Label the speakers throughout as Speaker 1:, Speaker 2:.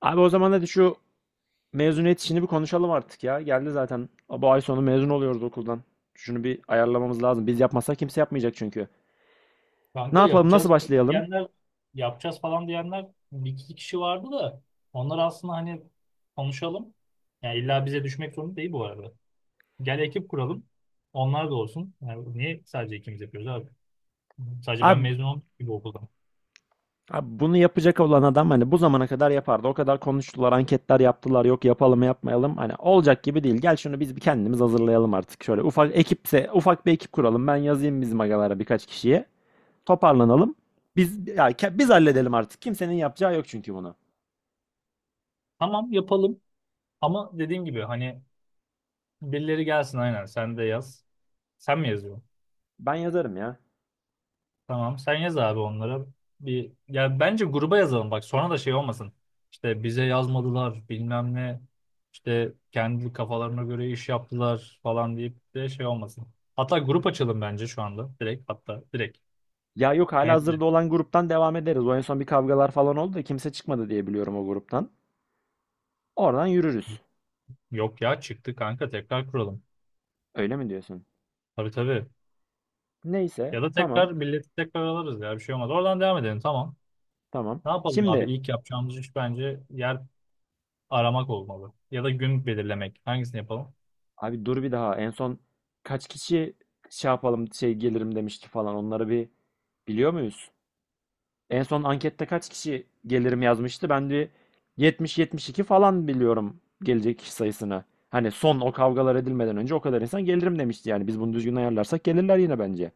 Speaker 1: Abi o zaman hadi şu mezuniyet işini bir konuşalım artık ya. Geldi zaten. Bu ay sonu mezun oluyoruz okuldan. Şunu bir ayarlamamız lazım. Biz yapmazsak kimse yapmayacak çünkü. Ne
Speaker 2: Kanka,
Speaker 1: yapalım? Nasıl başlayalım?
Speaker 2: diyenler yapacağız falan diyenler bir iki kişi vardı da onlar aslında, hani, konuşalım. Yani illa bize düşmek zorunda değil bu arada. Gel ekip kuralım. Onlar da olsun. Yani niye sadece ikimiz yapıyoruz abi? Sadece ben
Speaker 1: Abi,
Speaker 2: mezun oldum gibi okuldan.
Speaker 1: abi, bunu yapacak olan adam hani bu zamana kadar yapardı. O kadar konuştular, anketler yaptılar. Yok yapalım yapmayalım. Hani olacak gibi değil. Gel şunu biz bir kendimiz hazırlayalım artık. Şöyle ufak ekipse ufak bir ekip kuralım. Ben yazayım bizim agalara birkaç kişiye. Toparlanalım. Biz halledelim artık. Kimsenin yapacağı yok çünkü bunu.
Speaker 2: Tamam, yapalım ama dediğim gibi hani birileri gelsin, aynen, sen de yaz. Sen mi yazıyorsun?
Speaker 1: Ben yazarım ya.
Speaker 2: Tamam, sen yaz abi onlara. Bir, ya bence gruba yazalım bak, sonra da şey olmasın. İşte bize yazmadılar bilmem ne. İşte kendi kafalarına göre iş yaptılar falan deyip de şey olmasın. Hatta grup açalım bence şu anda. Direkt, hatta direkt.
Speaker 1: Ya yok,
Speaker 2: Mezun.
Speaker 1: halihazırda olan gruptan devam ederiz. O en son bir kavgalar falan oldu da kimse çıkmadı diye biliyorum o gruptan. Oradan yürürüz.
Speaker 2: Yok ya, çıktı kanka, tekrar kuralım.
Speaker 1: Öyle mi diyorsun?
Speaker 2: Tabii tabii.
Speaker 1: Neyse,
Speaker 2: Ya da
Speaker 1: tamam
Speaker 2: tekrar milleti tekrar alırız ya, bir şey olmaz. Oradan devam edelim, tamam.
Speaker 1: tamam.
Speaker 2: Ne yapalım abi?
Speaker 1: Şimdi
Speaker 2: İlk yapacağımız iş bence yer aramak olmalı. Ya da gün belirlemek. Hangisini yapalım?
Speaker 1: abi dur, bir daha en son kaç kişi şey yapalım şey gelirim demişti falan, onları bir biliyor muyuz? En son ankette kaç kişi gelirim yazmıştı? Ben de 70-72 falan biliyorum gelecek kişi sayısını. Hani son o kavgalar edilmeden önce o kadar insan gelirim demişti, yani biz bunu düzgün ayarlarsak gelirler yine bence.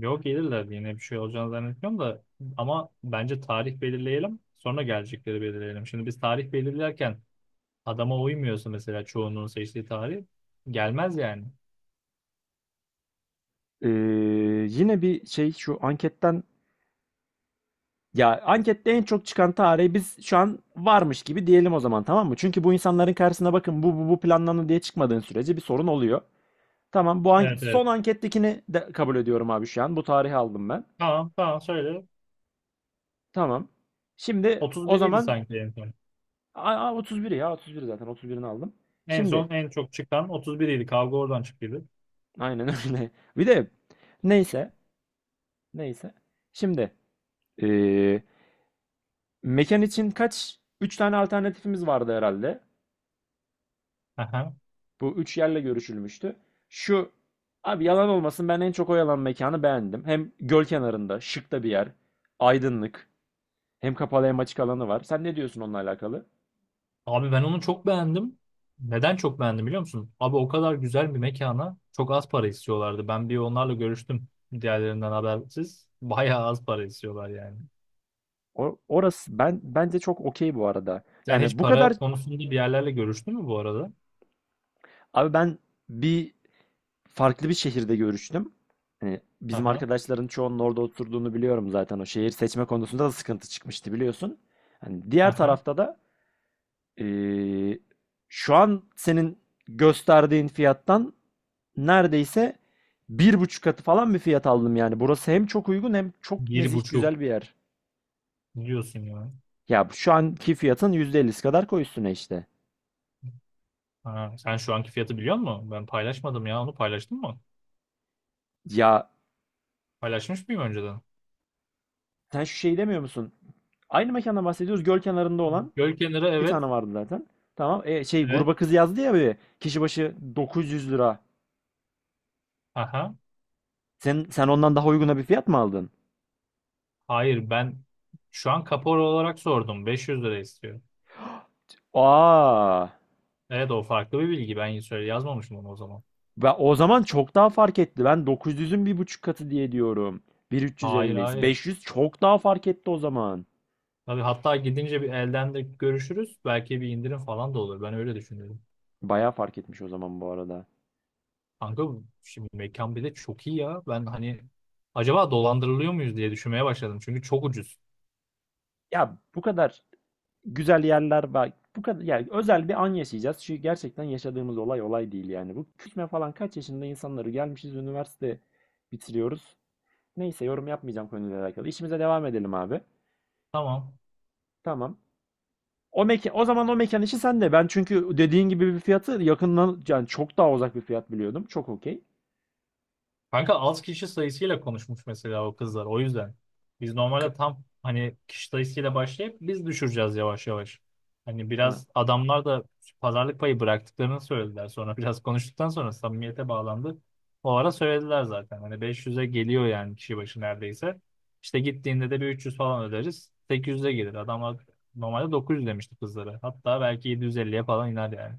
Speaker 2: Yok, gelirler diye yine bir şey olacağını zannetmiyorum da ama bence tarih belirleyelim, sonra gelecekleri belirleyelim. Şimdi biz tarih belirlerken adama uymuyorsa mesela çoğunluğun seçtiği tarih, gelmez yani.
Speaker 1: Ee, Yine bir şey şu anketten, ya ankette en çok çıkan tarihi biz şu an varmış gibi diyelim o zaman, tamam mı? Çünkü bu insanların karşısına bakın bu bu planlandı diye çıkmadığın sürece bir sorun oluyor. Tamam, bu an-
Speaker 2: Evet evet.
Speaker 1: son ankettekini de kabul ediyorum abi şu an. Bu tarihi aldım ben.
Speaker 2: Tamam tamam, söyle.
Speaker 1: Tamam. Şimdi o
Speaker 2: 31 idi
Speaker 1: zaman
Speaker 2: sanki en son.
Speaker 1: 31, ya 31 zaten, 31'ini aldım.
Speaker 2: En
Speaker 1: Şimdi
Speaker 2: son en çok çıkan 31 idi. Kavga oradan çıktıydı.
Speaker 1: aynen öyle. Bir de neyse, neyse. Şimdi ee, mekan için kaç, 3 tane alternatifimiz vardı herhalde.
Speaker 2: Aha.
Speaker 1: Bu üç yerle görüşülmüştü. Şu abi yalan olmasın, ben en çok o yalan mekanı beğendim. Hem göl kenarında şık da bir yer. Aydınlık. Hem kapalı hem açık alanı var. Sen ne diyorsun onunla alakalı?
Speaker 2: Abi ben onu çok beğendim. Neden çok beğendim biliyor musun? Abi, o kadar güzel bir mekana çok az para istiyorlardı. Ben bir onlarla görüştüm, diğerlerinden habersiz. Bayağı az para istiyorlar yani.
Speaker 1: Orası ben bence çok okey bu arada.
Speaker 2: Sen
Speaker 1: Yani
Speaker 2: hiç
Speaker 1: bu kadar
Speaker 2: para konusunda bir yerlerle görüştün mü bu arada?
Speaker 1: abi, ben bir farklı bir şehirde görüştüm. Hani bizim
Speaker 2: Aha,
Speaker 1: arkadaşların çoğunun orada oturduğunu biliyorum zaten. O şehir seçme konusunda da sıkıntı çıkmıştı biliyorsun. Hani diğer
Speaker 2: aha.
Speaker 1: tarafta da eee, şu an senin gösterdiğin fiyattan neredeyse bir buçuk katı falan bir fiyat aldım yani. Burası hem çok uygun hem çok
Speaker 2: Bir
Speaker 1: nezih,
Speaker 2: buçuk
Speaker 1: güzel bir yer.
Speaker 2: diyorsun ya.
Speaker 1: Ya şu anki fiyatın %50'si kadar koy üstüne işte.
Speaker 2: Ha, sen şu anki fiyatı biliyor musun? Ben paylaşmadım ya. Onu paylaştın mı?
Speaker 1: Ya
Speaker 2: Paylaşmış mıyım önceden?
Speaker 1: sen şu şeyi demiyor musun? Aynı mekandan bahsediyoruz. Göl kenarında olan
Speaker 2: Göl kenarı,
Speaker 1: bir
Speaker 2: evet.
Speaker 1: tane vardı zaten. Tamam. E, şey
Speaker 2: Evet.
Speaker 1: gruba kız yazdı ya, bir kişi başı 900 lira.
Speaker 2: Aha.
Speaker 1: Sen ondan daha uyguna bir fiyat mı aldın?
Speaker 2: Hayır, ben şu an kapora olarak sordum. 500 lira istiyor.
Speaker 1: Aa,
Speaker 2: Evet, o farklı bir bilgi. Ben söyle yazmamışım onu o zaman.
Speaker 1: ben o zaman çok daha fark etti. Ben 900'ün bir buçuk katı diye diyorum. bin üç yüz
Speaker 2: Hayır
Speaker 1: elliyiz.
Speaker 2: hayır.
Speaker 1: 500 çok daha fark etti o zaman.
Speaker 2: Tabii, hatta gidince bir elden de görüşürüz. Belki bir indirim falan da olur. Ben öyle düşünüyorum.
Speaker 1: Bayağı fark etmiş o zaman bu arada.
Speaker 2: Kanka, şimdi mekan bir de çok iyi ya. Ben, hani, acaba dolandırılıyor muyuz diye düşünmeye başladım. Çünkü çok ucuz.
Speaker 1: Ya bu kadar güzel yerler var. Bu kadar yani özel bir an yaşayacağız. Çünkü gerçekten yaşadığımız olay olay değil yani. Bu küçme falan kaç yaşında insanları gelmişiz, üniversite bitiriyoruz. Neyse, yorum yapmayacağım konuyla alakalı. İşimize devam edelim abi.
Speaker 2: Tamam.
Speaker 1: Tamam. O mekan, o zaman o mekan işi sende. Ben çünkü dediğin gibi bir fiyatı yakından yani çok daha uzak bir fiyat biliyordum. Çok okey.
Speaker 2: Kanka, az kişi sayısıyla konuşmuş mesela o kızlar. O yüzden biz
Speaker 1: K-
Speaker 2: normalde tam hani kişi sayısıyla başlayıp biz düşüreceğiz yavaş yavaş. Hani
Speaker 1: Ha,
Speaker 2: biraz adamlar da pazarlık payı bıraktıklarını söylediler. Sonra biraz konuştuktan sonra samimiyete bağlandı. O ara söylediler zaten. Hani 500'e geliyor yani kişi başı neredeyse. İşte gittiğinde de bir 300 falan öderiz. 800'e gelir. Adamlar normalde 900 demişti kızlara. Hatta belki 750'ye falan iner yani.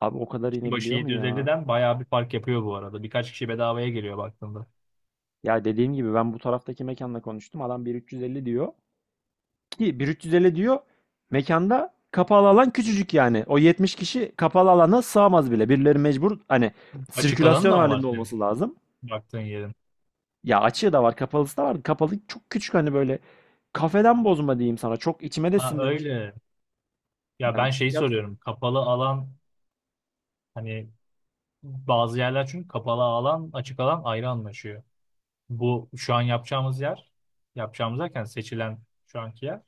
Speaker 1: Abi o kadar
Speaker 2: Kişi başı
Speaker 1: inebiliyor mu ya?
Speaker 2: 750'den bayağı bir fark yapıyor bu arada. Birkaç kişi bedavaya geliyor baktığında.
Speaker 1: Ya dediğim gibi, ben bu taraftaki mekanla konuştum. Adam 1350 diyor. Ki 1350 diyor, mekanda kapalı alan küçücük yani. O 70 kişi kapalı alana sığamaz bile. Birileri mecbur hani
Speaker 2: Açık alanı
Speaker 1: sirkülasyon
Speaker 2: da mı var
Speaker 1: halinde
Speaker 2: senin
Speaker 1: olması lazım.
Speaker 2: baktığın yerin?
Speaker 1: Ya açığı da var, kapalısı da var. Kapalı çok küçük, hani böyle kafeden bozma diyeyim sana. Çok içime de
Speaker 2: Ha,
Speaker 1: sinmemiş.
Speaker 2: öyle. Ya
Speaker 1: Yani
Speaker 2: ben
Speaker 1: bu
Speaker 2: şeyi
Speaker 1: fiyat,
Speaker 2: soruyorum. Kapalı alan, hani bazı yerler çünkü kapalı alan açık alan ayrı anlaşıyor. Bu şu an yapacağımız yer, yapacağımız derken seçilen şu anki yer,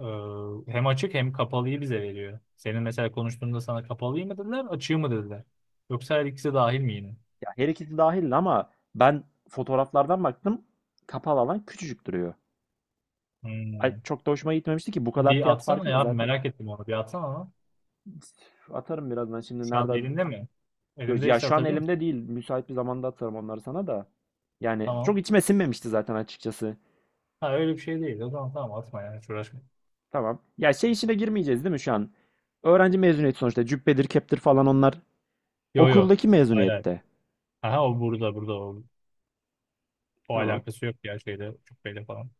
Speaker 2: hem açık hem kapalıyı bize veriyor. Senin mesela konuştuğunda sana kapalıyı mı dediler, açığı mı dediler? Yoksa her ikisi dahil mi yine?
Speaker 1: ya her ikisi dahil ama ben fotoğraflardan baktım. Kapalı alan küçücük duruyor. Ay,
Speaker 2: Hmm.
Speaker 1: çok da hoşuma gitmemişti ki bu kadar
Speaker 2: Bir
Speaker 1: fiyat
Speaker 2: atsana
Speaker 1: farkını
Speaker 2: ya,
Speaker 1: zaten
Speaker 2: merak ettim onu, bir atsana ama.
Speaker 1: atarım birazdan, şimdi
Speaker 2: Şu an
Speaker 1: nerede.
Speaker 2: elinde mi?
Speaker 1: Yo, ya
Speaker 2: Elindeyse
Speaker 1: şu an
Speaker 2: atabilir misin?
Speaker 1: elimde değil. Müsait bir zamanda atarım onları sana da. Yani çok
Speaker 2: Tamam.
Speaker 1: içime sinmemişti zaten açıkçası.
Speaker 2: Ha, öyle bir şey değil. O zaman tamam, atma ya, hiç uğraşma.
Speaker 1: Tamam. Ya şey işine girmeyeceğiz değil mi şu an? Öğrenci mezuniyeti sonuçta. Cübbedir, keptir falan onlar.
Speaker 2: Yo yo.
Speaker 1: Okuldaki
Speaker 2: Hayır hayır.
Speaker 1: mezuniyette.
Speaker 2: Aha, o burada, burada o. O
Speaker 1: Tamam.
Speaker 2: alakası yok ya şeyde, cübbeyle falan.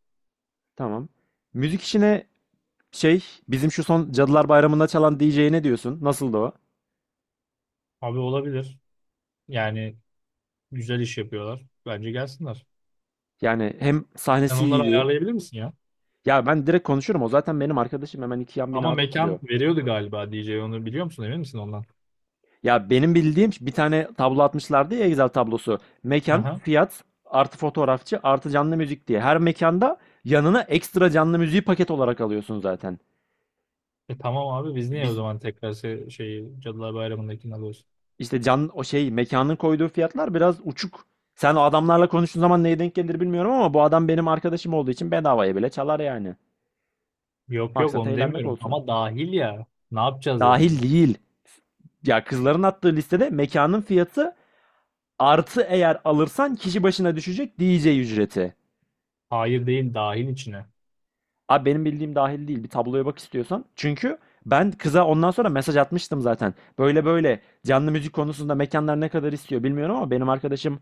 Speaker 1: Tamam. Müzik işine şey, bizim şu son Cadılar Bayramı'nda çalan DJ'ye ne diyorsun? Nasıldı o?
Speaker 2: Abi olabilir. Yani güzel iş yapıyorlar. Bence gelsinler.
Speaker 1: Yani hem
Speaker 2: Sen
Speaker 1: sahnesi
Speaker 2: onları
Speaker 1: iyiydi.
Speaker 2: ayarlayabilir misin ya?
Speaker 1: Ya ben direkt konuşurum. O zaten benim arkadaşım, hemen iki yan
Speaker 2: Ama
Speaker 1: binada
Speaker 2: mekan
Speaker 1: oturuyor.
Speaker 2: veriyordu galiba DJ, onu biliyor musun? Emin misin ondan?
Speaker 1: Ya benim bildiğim bir tane tablo atmışlardı ya, Excel tablosu. Mekan,
Speaker 2: Aha.
Speaker 1: fiyat, artı fotoğrafçı, artı canlı müzik diye. Her mekanda yanına ekstra canlı müziği paket olarak alıyorsun zaten.
Speaker 2: E tamam abi, biz niye o
Speaker 1: Biz
Speaker 2: zaman tekrar se- şeyi Cadılar Bayramı'ndakini alıyoruz?
Speaker 1: işte can, o şey mekanın koyduğu fiyatlar biraz uçuk. Sen o adamlarla konuştuğun zaman neye denk gelir bilmiyorum ama bu adam benim arkadaşım olduğu için bedavaya bile çalar yani.
Speaker 2: Yok yok,
Speaker 1: Maksat
Speaker 2: onu
Speaker 1: eğlenmek
Speaker 2: demiyorum
Speaker 1: olsun.
Speaker 2: ama dahil ya. Ne yapacağız ya
Speaker 1: Dahil
Speaker 2: onu?
Speaker 1: değil. Ya kızların attığı listede mekanın fiyatı artı eğer alırsan kişi başına düşecek DJ ücreti.
Speaker 2: Hayır, değil, dahil içine.
Speaker 1: Abi benim bildiğim dahil değil. Bir tabloya bak istiyorsan. Çünkü ben kıza ondan sonra mesaj atmıştım zaten. Böyle böyle, canlı müzik konusunda mekanlar ne kadar istiyor bilmiyorum ama benim arkadaşım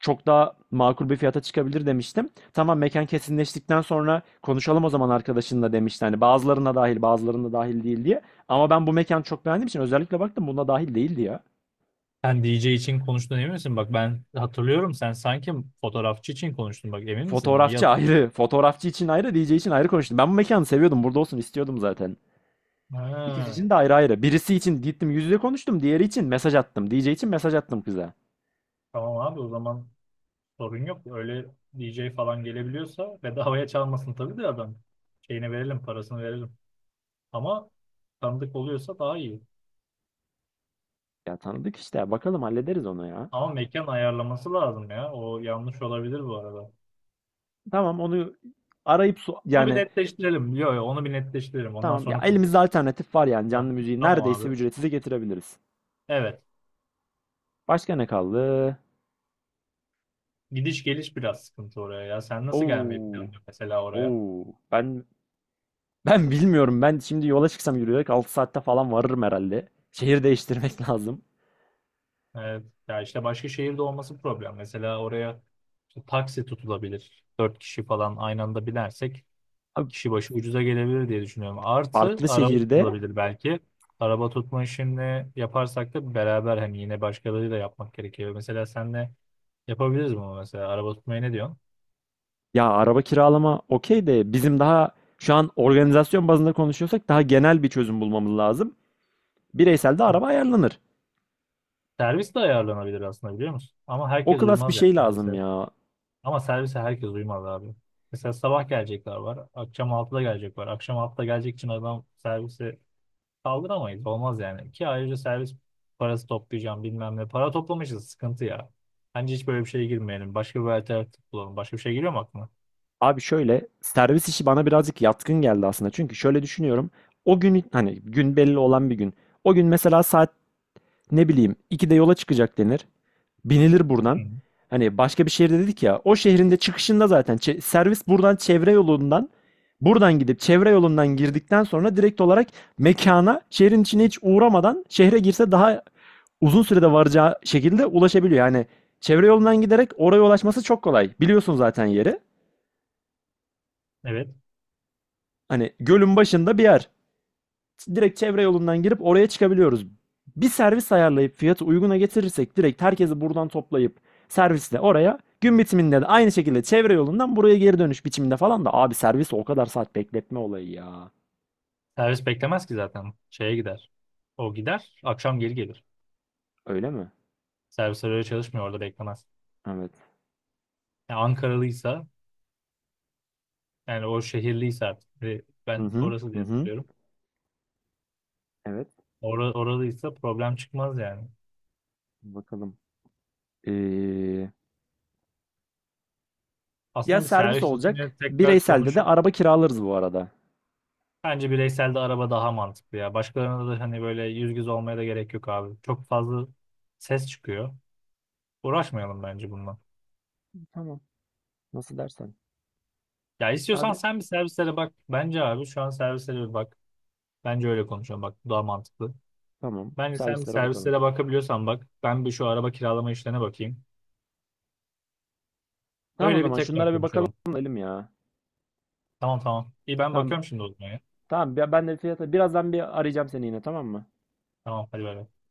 Speaker 1: çok daha makul bir fiyata çıkabilir demiştim. Tamam, mekan kesinleştikten sonra konuşalım o zaman arkadaşınla demişti. Hani bazılarına dahil bazılarına dahil değil diye. Ama ben bu mekanı çok beğendiğim için özellikle baktım, buna dahil değildi ya.
Speaker 2: Sen DJ için konuştun, emin misin? Bak, ben hatırlıyorum, sen sanki fotoğrafçı için konuştun. Bak, emin misin? İyi
Speaker 1: Fotoğrafçı
Speaker 2: hatırlıyorum.
Speaker 1: ayrı, fotoğrafçı için ayrı, DJ için ayrı konuştum. Ben bu mekanı seviyordum, burada olsun istiyordum zaten. İkisi
Speaker 2: Ha,
Speaker 1: için de ayrı ayrı. Birisi için gittim yüz yüze konuştum. Diğeri için mesaj attım. DJ için mesaj attım kıza.
Speaker 2: tamam abi, o zaman sorun yok. Öyle, DJ falan gelebiliyorsa bedavaya çalmasın tabii de adam. Şeyini verelim, parasını verelim. Ama tanıdık oluyorsa daha iyi.
Speaker 1: Ya tanıdık işte ya. Bakalım, hallederiz onu ya.
Speaker 2: Ama mekan ayarlaması lazım ya. O yanlış olabilir bu arada.
Speaker 1: Tamam, onu arayıp
Speaker 2: Onu bir
Speaker 1: yani,
Speaker 2: netleştirelim. Yok yok, onu bir netleştirelim. Ondan
Speaker 1: tamam ya,
Speaker 2: sonra konu.
Speaker 1: elimizde alternatif var yani,
Speaker 2: Ha,
Speaker 1: canlı müziği
Speaker 2: tamam
Speaker 1: neredeyse
Speaker 2: abi.
Speaker 1: ücretsiz getirebiliriz.
Speaker 2: Evet.
Speaker 1: Başka ne kaldı?
Speaker 2: Gidiş geliş biraz sıkıntı oraya ya. Sen nasıl gelmeyi
Speaker 1: Oo.
Speaker 2: planlıyorsun mesela oraya?
Speaker 1: Oo. Ben bilmiyorum. Ben şimdi yola çıksam yürüyerek 6 saatte falan varırım herhalde. Şehir değiştirmek lazım.
Speaker 2: Evet. Ya işte başka şehirde olması problem. Mesela oraya, işte, taksi tutulabilir. Dört kişi falan aynı anda binersek
Speaker 1: Abi
Speaker 2: kişi başı ucuza gelebilir diye düşünüyorum. Artı
Speaker 1: farklı
Speaker 2: araba
Speaker 1: şehirde,
Speaker 2: tutulabilir belki. Araba tutma işini yaparsak da beraber, hani, yine başkalarıyla yapmak gerekiyor. Mesela senle yapabiliriz bunu mesela. Araba tutmayı ne diyorsun?
Speaker 1: ya araba kiralama okey de bizim daha şu an organizasyon bazında konuşuyorsak daha genel bir çözüm bulmamız lazım. Bireysel de araba ayarlanır.
Speaker 2: Servis de ayarlanabilir aslında, biliyor musun? Ama
Speaker 1: O
Speaker 2: herkes
Speaker 1: klas bir
Speaker 2: uymaz yani
Speaker 1: şey lazım
Speaker 2: servise.
Speaker 1: ya.
Speaker 2: Ama servise herkes uymaz abi. Mesela sabah gelecekler var. Akşam altıda gelecek var. Akşam altıda gelecek için adam servise kaldıramayız. Olmaz yani. Ki ayrıca servis parası toplayacağım bilmem ne. Para toplamışız. Sıkıntı ya. Bence hiç böyle bir şeye girmeyelim. Başka bir alternatif bulalım. Başka bir şey geliyor mu aklına?
Speaker 1: Abi şöyle, servis işi bana birazcık yatkın geldi aslında. Çünkü şöyle düşünüyorum. O gün hani gün belli olan bir gün. O gün mesela saat ne bileyim 2'de yola çıkacak denir. Binilir
Speaker 2: Hı.
Speaker 1: buradan. Hani başka bir şehirde dedik ya. O şehrin de çıkışında zaten servis buradan çevre yolundan, buradan gidip çevre yolundan girdikten sonra direkt olarak mekana şehrin içine hiç uğramadan şehre girse daha uzun sürede varacağı şekilde ulaşabiliyor. Yani çevre yolundan giderek oraya ulaşması çok kolay. Biliyorsun zaten yeri.
Speaker 2: Evet.
Speaker 1: Hani gölün başında bir yer. Direkt çevre yolundan girip oraya çıkabiliyoruz. Bir servis ayarlayıp fiyatı uyguna getirirsek direkt herkesi buradan toplayıp servisle oraya, gün bitiminde de aynı şekilde çevre yolundan buraya geri dönüş biçiminde falan da abi servisi o kadar saat bekletme olayı ya.
Speaker 2: Servis beklemez ki zaten. Şeye gider. O gider. Akşam geri gelir.
Speaker 1: Öyle mi?
Speaker 2: Servisler öyle çalışmıyor. Orada beklemez.
Speaker 1: Evet.
Speaker 2: Yani Ankaralıysa, yani o şehirliyse artık. Ve
Speaker 1: Hı
Speaker 2: ben
Speaker 1: hı.
Speaker 2: orası
Speaker 1: Hı
Speaker 2: diye
Speaker 1: hı.
Speaker 2: hatırlıyorum.
Speaker 1: Evet.
Speaker 2: Oralıysa problem çıkmaz yani.
Speaker 1: Bakalım. Ee, ya
Speaker 2: Aslında bir
Speaker 1: servis
Speaker 2: servis için
Speaker 1: olacak.
Speaker 2: tekrar
Speaker 1: Bireyselde de
Speaker 2: konuşup,
Speaker 1: araba kiralarız bu arada.
Speaker 2: bence bireysel de araba daha mantıklı ya. Başkalarına da hani böyle yüz yüze olmaya da gerek yok abi. Çok fazla ses çıkıyor. Uğraşmayalım bence bununla.
Speaker 1: Tamam. Nasıl dersen.
Speaker 2: Ya istiyorsan
Speaker 1: Abi
Speaker 2: sen bir servislere bak. Bence abi şu an servislere bir bak. Bence öyle konuşalım bak. Bu daha mantıklı.
Speaker 1: tamam.
Speaker 2: Bence sen bir
Speaker 1: Servislere bakalım.
Speaker 2: servislere bakabiliyorsan bak. Ben bir şu araba kiralama işlerine bakayım.
Speaker 1: Tamam, o
Speaker 2: Öyle bir
Speaker 1: zaman
Speaker 2: tekrar
Speaker 1: şunlara bir bakalım
Speaker 2: konuşalım.
Speaker 1: elim ya.
Speaker 2: Tamam tamam. İyi, ben
Speaker 1: Tamam.
Speaker 2: bakıyorum şimdi o zaman ya.
Speaker 1: Tamam, ben de fiyatı birazdan bir arayacağım seni yine, tamam mı?
Speaker 2: Tamam, hadi bay bay.